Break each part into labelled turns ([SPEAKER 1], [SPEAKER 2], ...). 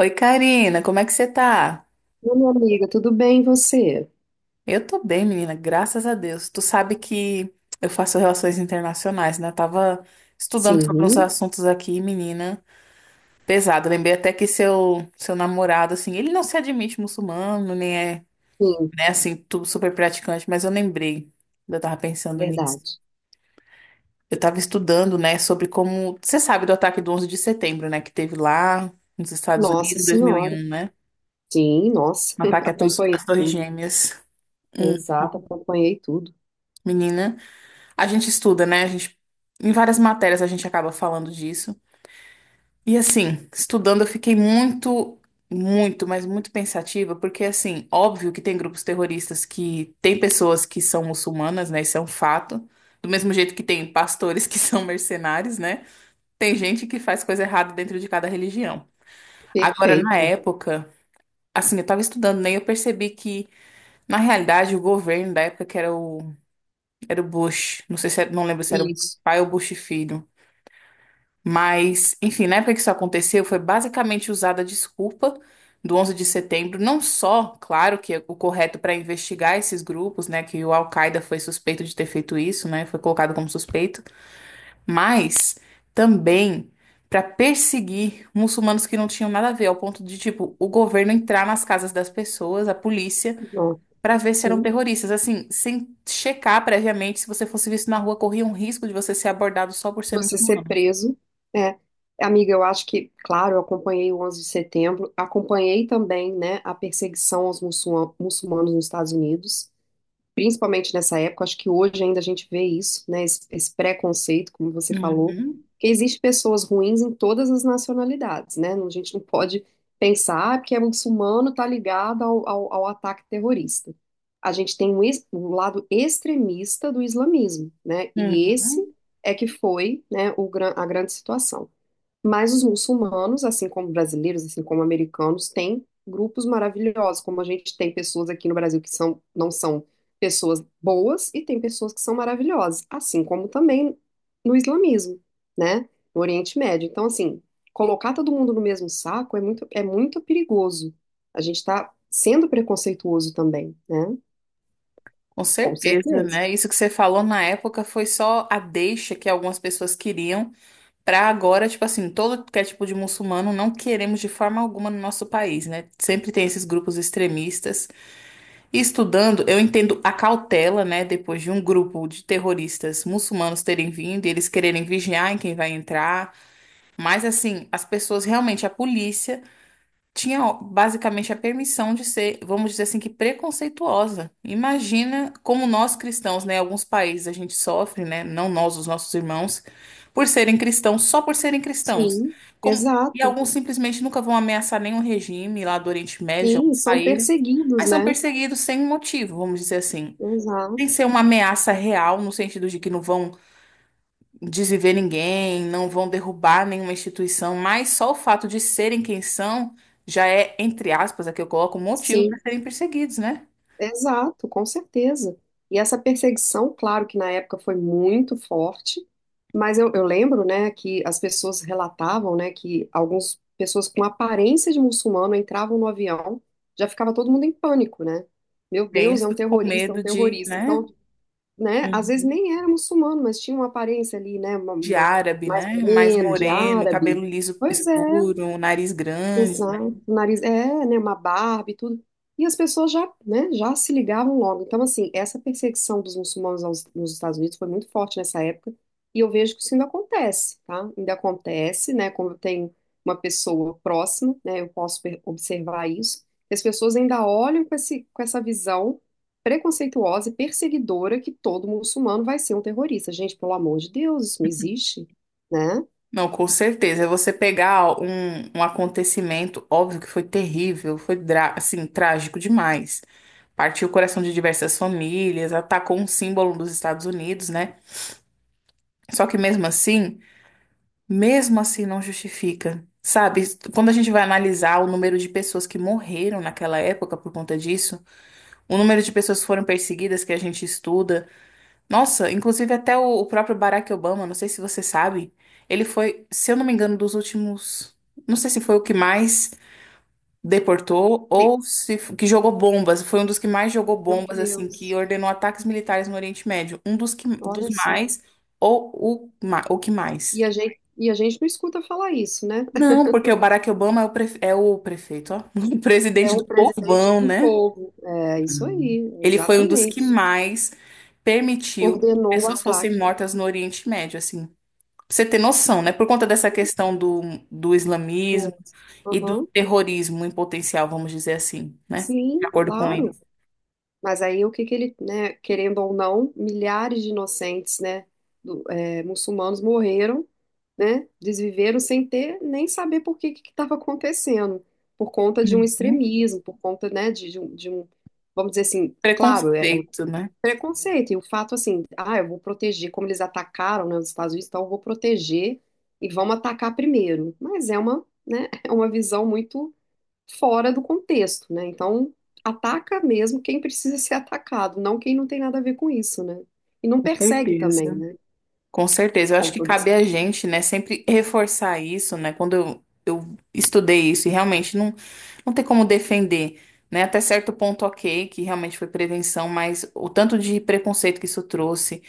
[SPEAKER 1] Oi, Karina, como é que você tá?
[SPEAKER 2] Oi, minha amiga, tudo bem e você?
[SPEAKER 1] Eu tô bem, menina, graças a Deus. Tu sabe que eu faço relações internacionais, né? Eu tava estudando sobre uns
[SPEAKER 2] Sim,
[SPEAKER 1] assuntos aqui, menina, pesado. Lembrei até que seu namorado, assim, ele não se admite muçulmano, nem é,
[SPEAKER 2] sim,
[SPEAKER 1] né, assim, tudo super praticante, mas eu lembrei, eu tava pensando nisso.
[SPEAKER 2] verdade.
[SPEAKER 1] Eu tava estudando, né, sobre como. Você sabe do ataque do 11 de setembro, né, que teve lá nos Estados
[SPEAKER 2] Nossa
[SPEAKER 1] Unidos em
[SPEAKER 2] Senhora.
[SPEAKER 1] 2001, né?
[SPEAKER 2] Sim, nossa,
[SPEAKER 1] Um ataque
[SPEAKER 2] acompanhei
[SPEAKER 1] às Torres
[SPEAKER 2] tudo.
[SPEAKER 1] Gêmeas. Hum,
[SPEAKER 2] Exato, acompanhei tudo.
[SPEAKER 1] menina. A gente estuda, né? A gente, em várias matérias a gente acaba falando disso. E assim, estudando eu fiquei muito, muito, mas muito pensativa, porque assim, óbvio que tem grupos terroristas que tem pessoas que são muçulmanas, né? Isso é um fato. Do mesmo jeito que tem pastores que são mercenários, né? Tem gente que faz coisa errada dentro de cada religião. Agora, na
[SPEAKER 2] Perfeito.
[SPEAKER 1] época, assim, eu tava estudando, né? E eu percebi que, na realidade, o governo da época que era o Bush, não sei se era, não lembro se era o
[SPEAKER 2] Isso.
[SPEAKER 1] pai ou Bush filho. Mas, enfim, na época que isso aconteceu, foi basicamente usada a desculpa do 11 de setembro, não só, claro, que é o correto para investigar esses grupos, né, que o Al-Qaeda foi suspeito de ter feito isso, né, foi colocado como suspeito, mas também para perseguir muçulmanos que não tinham nada a ver, ao ponto de, tipo, o governo entrar nas casas das pessoas, a polícia,
[SPEAKER 2] Não,
[SPEAKER 1] para ver se eram
[SPEAKER 2] sim.
[SPEAKER 1] terroristas, assim, sem checar previamente, se você fosse visto na rua, corria um risco de você ser abordado só por ser
[SPEAKER 2] Você ser
[SPEAKER 1] muçulmano.
[SPEAKER 2] preso. É. Amiga, eu acho que, claro, eu acompanhei o 11 de setembro, acompanhei também, né, a perseguição aos muçulmanos nos Estados Unidos. Principalmente nessa época, acho que hoje ainda a gente vê isso, né? Esse preconceito, como você falou,
[SPEAKER 1] Uhum.
[SPEAKER 2] que existe pessoas ruins em todas as nacionalidades, né? A gente não pode pensar "Ah, porque é muçulmano, tá ligado ao ataque terrorista." A gente tem um, um lado extremista do islamismo, né? E esse
[SPEAKER 1] Uhum,
[SPEAKER 2] é que foi, né, o, a grande situação. Mas os muçulmanos, assim como brasileiros, assim como americanos, têm grupos maravilhosos, como a gente tem pessoas aqui no Brasil que são, não são pessoas boas e tem pessoas que são maravilhosas, assim como também no islamismo, né? No Oriente Médio. Então, assim, colocar todo mundo no mesmo saco é é muito perigoso. A gente está sendo preconceituoso também, né?
[SPEAKER 1] com
[SPEAKER 2] Com
[SPEAKER 1] certeza,
[SPEAKER 2] certeza.
[SPEAKER 1] né? Isso que você falou na época foi só a deixa que algumas pessoas queriam para agora, tipo assim, todo que é tipo de muçulmano não queremos de forma alguma no nosso país, né? Sempre tem esses grupos extremistas. E estudando, eu entendo a cautela, né? Depois de um grupo de terroristas muçulmanos terem vindo e eles quererem vigiar em quem vai entrar. Mas assim, as pessoas realmente, a polícia tinha ó, basicamente a permissão de ser, vamos dizer assim, que preconceituosa. Imagina como nós cristãos, né, alguns países a gente sofre, né, não nós, os nossos irmãos, por serem cristãos, só por serem cristãos.
[SPEAKER 2] Sim,
[SPEAKER 1] Como, e
[SPEAKER 2] exato.
[SPEAKER 1] alguns simplesmente nunca vão ameaçar nenhum regime lá do Oriente Médio, de
[SPEAKER 2] Sim,
[SPEAKER 1] alguns
[SPEAKER 2] são
[SPEAKER 1] países,
[SPEAKER 2] perseguidos,
[SPEAKER 1] mas são
[SPEAKER 2] né?
[SPEAKER 1] perseguidos sem motivo, vamos dizer assim.
[SPEAKER 2] Exato.
[SPEAKER 1] Sem ser uma ameaça real, no sentido de que não vão desviver ninguém, não vão derrubar nenhuma instituição, mas só o fato de serem quem são já é, entre aspas, aqui eu coloco, um motivo para
[SPEAKER 2] Sim.
[SPEAKER 1] serem perseguidos, né?
[SPEAKER 2] Exato, com certeza. E essa perseguição, claro que na época foi muito forte, mas eu lembro, né, que as pessoas relatavam, né, que algumas pessoas com aparência de muçulmano entravam no avião, já ficava todo mundo em pânico, né? Meu Deus, é um
[SPEAKER 1] Penso com
[SPEAKER 2] terrorista, é um
[SPEAKER 1] medo de,
[SPEAKER 2] terrorista.
[SPEAKER 1] né?
[SPEAKER 2] Então, né, às vezes
[SPEAKER 1] Uhum.
[SPEAKER 2] nem era muçulmano, mas tinha uma aparência ali, né,
[SPEAKER 1] De árabe,
[SPEAKER 2] mais
[SPEAKER 1] né?
[SPEAKER 2] ou
[SPEAKER 1] Mais
[SPEAKER 2] menos, de
[SPEAKER 1] moreno, cabelo
[SPEAKER 2] árabe.
[SPEAKER 1] liso
[SPEAKER 2] Pois é,
[SPEAKER 1] escuro, nariz grande, né?
[SPEAKER 2] exato, o nariz é, né, uma barba e tudo. E as pessoas já, né, já se ligavam logo. Então, assim, essa perseguição dos muçulmanos nos Estados Unidos foi muito forte nessa época. E eu vejo que isso ainda acontece, tá? Ainda acontece, né? Quando tem uma pessoa próxima, né? Eu posso observar isso. E as pessoas ainda olham com esse, com essa visão preconceituosa e perseguidora que todo muçulmano vai ser um terrorista. Gente, pelo amor de Deus, isso não existe, né?
[SPEAKER 1] Não, com certeza. É. Você pegar um acontecimento, óbvio que foi terrível, foi assim, trágico demais. Partiu o coração de diversas famílias, atacou um símbolo dos Estados Unidos, né? Só que mesmo assim não justifica. Sabe, quando a gente vai analisar o número de pessoas que morreram naquela época por conta disso, o número de pessoas que foram perseguidas que a gente estuda, nossa, inclusive até o próprio Barack Obama, não sei se você sabe, ele foi, se eu não me engano, dos últimos, não sei se foi o que mais deportou
[SPEAKER 2] Tem-
[SPEAKER 1] ou se que jogou bombas, foi um dos que mais jogou
[SPEAKER 2] Meu
[SPEAKER 1] bombas, assim, que
[SPEAKER 2] Deus,
[SPEAKER 1] ordenou ataques militares no Oriente Médio, um dos que, dos
[SPEAKER 2] olha só.
[SPEAKER 1] mais ou o que mais.
[SPEAKER 2] E a gente não escuta falar isso, né?
[SPEAKER 1] Não, porque o Barack Obama é é o prefeito, ó, o
[SPEAKER 2] É
[SPEAKER 1] presidente
[SPEAKER 2] um
[SPEAKER 1] do
[SPEAKER 2] presidente
[SPEAKER 1] povão,
[SPEAKER 2] do
[SPEAKER 1] né?
[SPEAKER 2] povo. É isso aí,
[SPEAKER 1] Ele foi um dos que
[SPEAKER 2] exatamente.
[SPEAKER 1] mais permitiu que
[SPEAKER 2] Ordenou o
[SPEAKER 1] pessoas fossem
[SPEAKER 2] ataque
[SPEAKER 1] mortas no Oriente Médio, assim. Pra você ter noção, né? Por conta dessa questão do
[SPEAKER 2] do
[SPEAKER 1] islamismo
[SPEAKER 2] outro.
[SPEAKER 1] e do
[SPEAKER 2] Aham.
[SPEAKER 1] terrorismo em potencial, vamos dizer assim, né? De
[SPEAKER 2] Sim,
[SPEAKER 1] acordo com ele.
[SPEAKER 2] claro. Mas aí o que que ele, né, querendo ou não, milhares de inocentes, né, é, muçulmanos morreram, né, desviveram sem ter nem saber por que que estava acontecendo, por conta de um
[SPEAKER 1] Uhum.
[SPEAKER 2] extremismo, por conta, né, vamos dizer assim, claro, é,
[SPEAKER 1] Preconceito, né?
[SPEAKER 2] preconceito, e o fato assim, ah, eu vou proteger, como eles atacaram, né, os Estados Unidos, então eu vou proteger e vamos atacar primeiro. Mas é uma, né, é uma visão muito fora do contexto, né? Então, ataca mesmo quem precisa ser atacado, não quem não tem nada a ver com isso, né? E não
[SPEAKER 1] Com
[SPEAKER 2] persegue também,
[SPEAKER 1] certeza.
[SPEAKER 2] né?
[SPEAKER 1] Com certeza, eu
[SPEAKER 2] Com
[SPEAKER 1] acho que
[SPEAKER 2] todas,
[SPEAKER 1] cabe a gente, né, sempre reforçar isso, né? Quando eu estudei isso e realmente não, não tem como defender, né? Até certo ponto, ok, que realmente foi prevenção, mas o tanto de preconceito que isso trouxe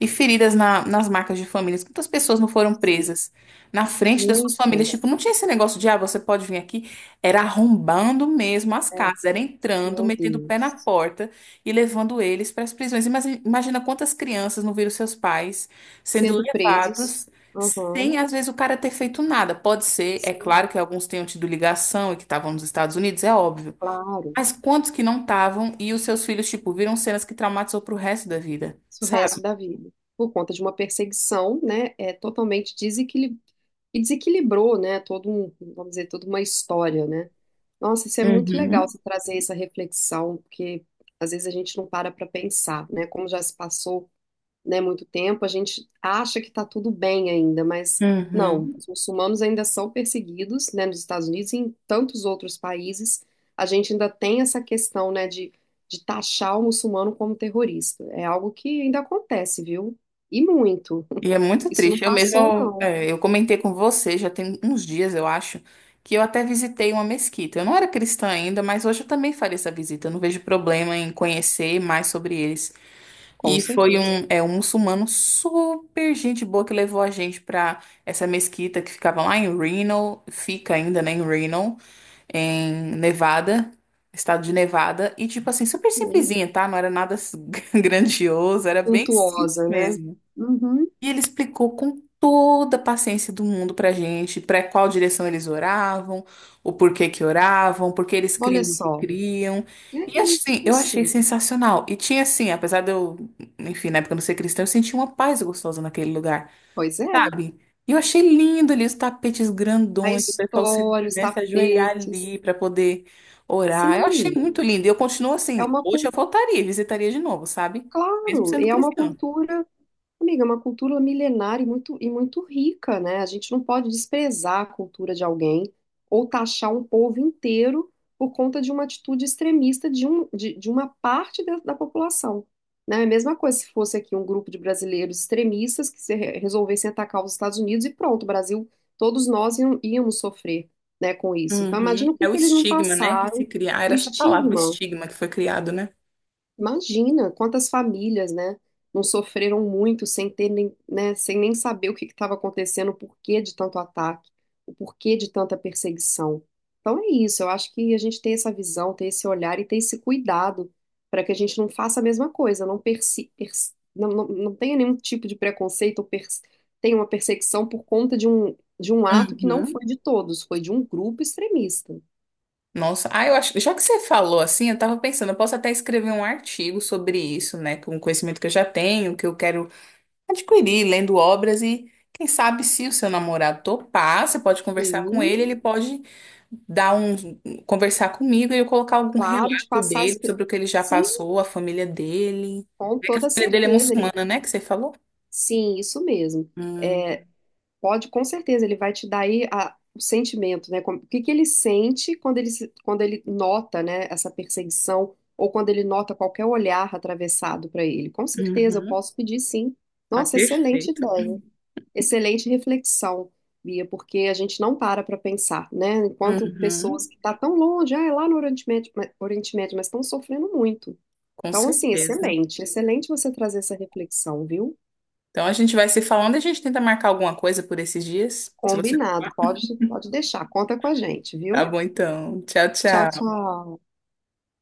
[SPEAKER 1] e feridas nas marcas de famílias, quantas pessoas não foram
[SPEAKER 2] sim,
[SPEAKER 1] presas na frente das suas famílias? Tipo,
[SPEAKER 2] muitas,
[SPEAKER 1] não tinha esse negócio de, ah, você pode vir aqui. Era arrombando mesmo as
[SPEAKER 2] é,
[SPEAKER 1] casas, era entrando,
[SPEAKER 2] meu
[SPEAKER 1] metendo o pé na
[SPEAKER 2] Deus,
[SPEAKER 1] porta e levando eles para as prisões. Imagina quantas crianças não viram seus pais sendo
[SPEAKER 2] sendo presos,
[SPEAKER 1] levados
[SPEAKER 2] aham,
[SPEAKER 1] sem, às vezes, o cara ter feito nada. Pode ser, é
[SPEAKER 2] sim,
[SPEAKER 1] claro que alguns tenham tido ligação e que estavam nos Estados Unidos, é óbvio.
[SPEAKER 2] claro.
[SPEAKER 1] Mas quantos que não estavam e os seus filhos, tipo, viram cenas que traumatizou pro resto da vida,
[SPEAKER 2] O resto
[SPEAKER 1] sabe?
[SPEAKER 2] da vida, por conta de uma perseguição, né, é totalmente e desequilibrou, né, todo um, vamos dizer, toda uma história, né? Nossa, isso é muito legal,
[SPEAKER 1] Uhum,
[SPEAKER 2] você trazer essa reflexão, porque às vezes a gente não para pensar, né, como já se passou né, muito tempo, a gente acha que está tudo bem ainda, mas não,
[SPEAKER 1] uhum.
[SPEAKER 2] os muçulmanos ainda são perseguidos, né, nos Estados Unidos e em tantos outros países, a gente ainda tem essa questão, né, de taxar o muçulmano como terrorista. É algo que ainda acontece, viu? E muito.
[SPEAKER 1] E é muito
[SPEAKER 2] Isso não
[SPEAKER 1] triste. Eu mesmo,
[SPEAKER 2] passou,
[SPEAKER 1] eu,
[SPEAKER 2] não.
[SPEAKER 1] é, eu comentei com você, já tem uns dias, eu acho, que eu até visitei uma mesquita. Eu não era cristã ainda, mas hoje eu também faria essa visita. Eu não vejo problema em conhecer mais sobre eles.
[SPEAKER 2] Com
[SPEAKER 1] E foi
[SPEAKER 2] certeza.
[SPEAKER 1] um muçulmano super gente boa que levou a gente pra essa mesquita que ficava lá em Reno, fica ainda, né, em Reno, em Nevada, estado de Nevada. E, tipo assim, super
[SPEAKER 2] Sim.
[SPEAKER 1] simplesinha, tá? Não era nada s- grandioso, era bem simples
[SPEAKER 2] Suntuosa, né?
[SPEAKER 1] mesmo.
[SPEAKER 2] Uhum.
[SPEAKER 1] E ele explicou com toda a paciência do mundo pra gente, para qual direção eles oravam, o porquê que oravam, por que eles
[SPEAKER 2] Olha
[SPEAKER 1] criam o que
[SPEAKER 2] só.
[SPEAKER 1] criam.
[SPEAKER 2] É
[SPEAKER 1] E assim, eu achei
[SPEAKER 2] isso.
[SPEAKER 1] sensacional. E tinha assim, apesar de eu, enfim, na época eu não ser cristã, eu senti uma paz gostosa naquele lugar,
[SPEAKER 2] Pois é.
[SPEAKER 1] sabe? E eu achei lindo ali os tapetes
[SPEAKER 2] A
[SPEAKER 1] grandões, o pessoal se,
[SPEAKER 2] história, os
[SPEAKER 1] né, se ajoelhar
[SPEAKER 2] tapetes.
[SPEAKER 1] ali pra poder orar. Eu achei
[SPEAKER 2] Sim.
[SPEAKER 1] muito lindo. E eu continuo
[SPEAKER 2] É
[SPEAKER 1] assim,
[SPEAKER 2] uma
[SPEAKER 1] hoje eu
[SPEAKER 2] cultura
[SPEAKER 1] voltaria, e visitaria de novo, sabe? Mesmo
[SPEAKER 2] claro,
[SPEAKER 1] sendo
[SPEAKER 2] e é
[SPEAKER 1] cristã.
[SPEAKER 2] amiga, é uma cultura milenar e e muito rica, né? A gente não pode desprezar a cultura de alguém ou taxar um povo inteiro por conta de uma atitude extremista de uma parte da população. Né? É a mesma coisa se fosse aqui um grupo de brasileiros extremistas que se resolvessem atacar os Estados Unidos e pronto, o Brasil, todos nós íamos sofrer, né, com isso. Então,
[SPEAKER 1] Uhum.
[SPEAKER 2] imagina o que
[SPEAKER 1] É o
[SPEAKER 2] que eles não
[SPEAKER 1] estigma, né, que se
[SPEAKER 2] passaram,
[SPEAKER 1] cria. Ah,
[SPEAKER 2] o
[SPEAKER 1] era essa palavra, o
[SPEAKER 2] estigma.
[SPEAKER 1] estigma que foi criado, né?
[SPEAKER 2] Imagina quantas famílias, né, não sofreram muito sem ter nem, né, sem nem saber o que estava acontecendo, o porquê de tanto ataque, o porquê de tanta perseguição. Então é isso, eu acho que a gente tem essa visão, tem esse olhar e tem esse cuidado para que a gente não faça a mesma coisa, não, persi, pers- não, não, não tenha nenhum tipo de preconceito ou tenha uma perseguição por conta de de um ato que não
[SPEAKER 1] Uhum.
[SPEAKER 2] foi de todos, foi de um grupo extremista.
[SPEAKER 1] Nossa, ah, eu acho, já que você falou assim, eu tava pensando, eu posso até escrever um artigo sobre isso, né, com o conhecimento que eu já tenho, que eu quero adquirir, lendo obras e quem sabe se o seu namorado topar, você pode conversar com
[SPEAKER 2] Sim,
[SPEAKER 1] ele, ele pode dar um conversar comigo e eu colocar algum
[SPEAKER 2] claro, de
[SPEAKER 1] relato
[SPEAKER 2] passar as...
[SPEAKER 1] dele
[SPEAKER 2] pe-
[SPEAKER 1] sobre o que ele já
[SPEAKER 2] sim,
[SPEAKER 1] passou, a família dele.
[SPEAKER 2] com
[SPEAKER 1] É que a
[SPEAKER 2] toda
[SPEAKER 1] família dele é
[SPEAKER 2] certeza, ele...
[SPEAKER 1] muçulmana, né, que você falou?
[SPEAKER 2] sim, isso mesmo.
[SPEAKER 1] Hum,
[SPEAKER 2] É, pode, com certeza, ele vai te dar aí o sentimento, né? Como- o que que ele sente quando ele, quando ele nota, né, essa perseguição ou quando ele nota qualquer olhar atravessado para ele. Com certeza, eu
[SPEAKER 1] uhum.
[SPEAKER 2] posso pedir sim.
[SPEAKER 1] Ah,
[SPEAKER 2] Nossa, excelente
[SPEAKER 1] perfeito.
[SPEAKER 2] ideia, excelente reflexão, Bia, porque a gente não para pensar, né? Enquanto pessoas
[SPEAKER 1] Uhum,
[SPEAKER 2] que estão tão longe, ah, é lá no Oriente Médio, Oriente Médio, mas estão sofrendo muito.
[SPEAKER 1] com
[SPEAKER 2] Então, assim,
[SPEAKER 1] certeza.
[SPEAKER 2] excelente, excelente você trazer essa reflexão, viu?
[SPEAKER 1] Então a gente vai se falando e a gente tenta marcar alguma coisa por esses dias, se você
[SPEAKER 2] Combinado,
[SPEAKER 1] topar.
[SPEAKER 2] pode, pode deixar, conta com a gente,
[SPEAKER 1] Tá
[SPEAKER 2] viu?
[SPEAKER 1] bom, então. Tchau,
[SPEAKER 2] Tchau,
[SPEAKER 1] tchau.
[SPEAKER 2] tchau.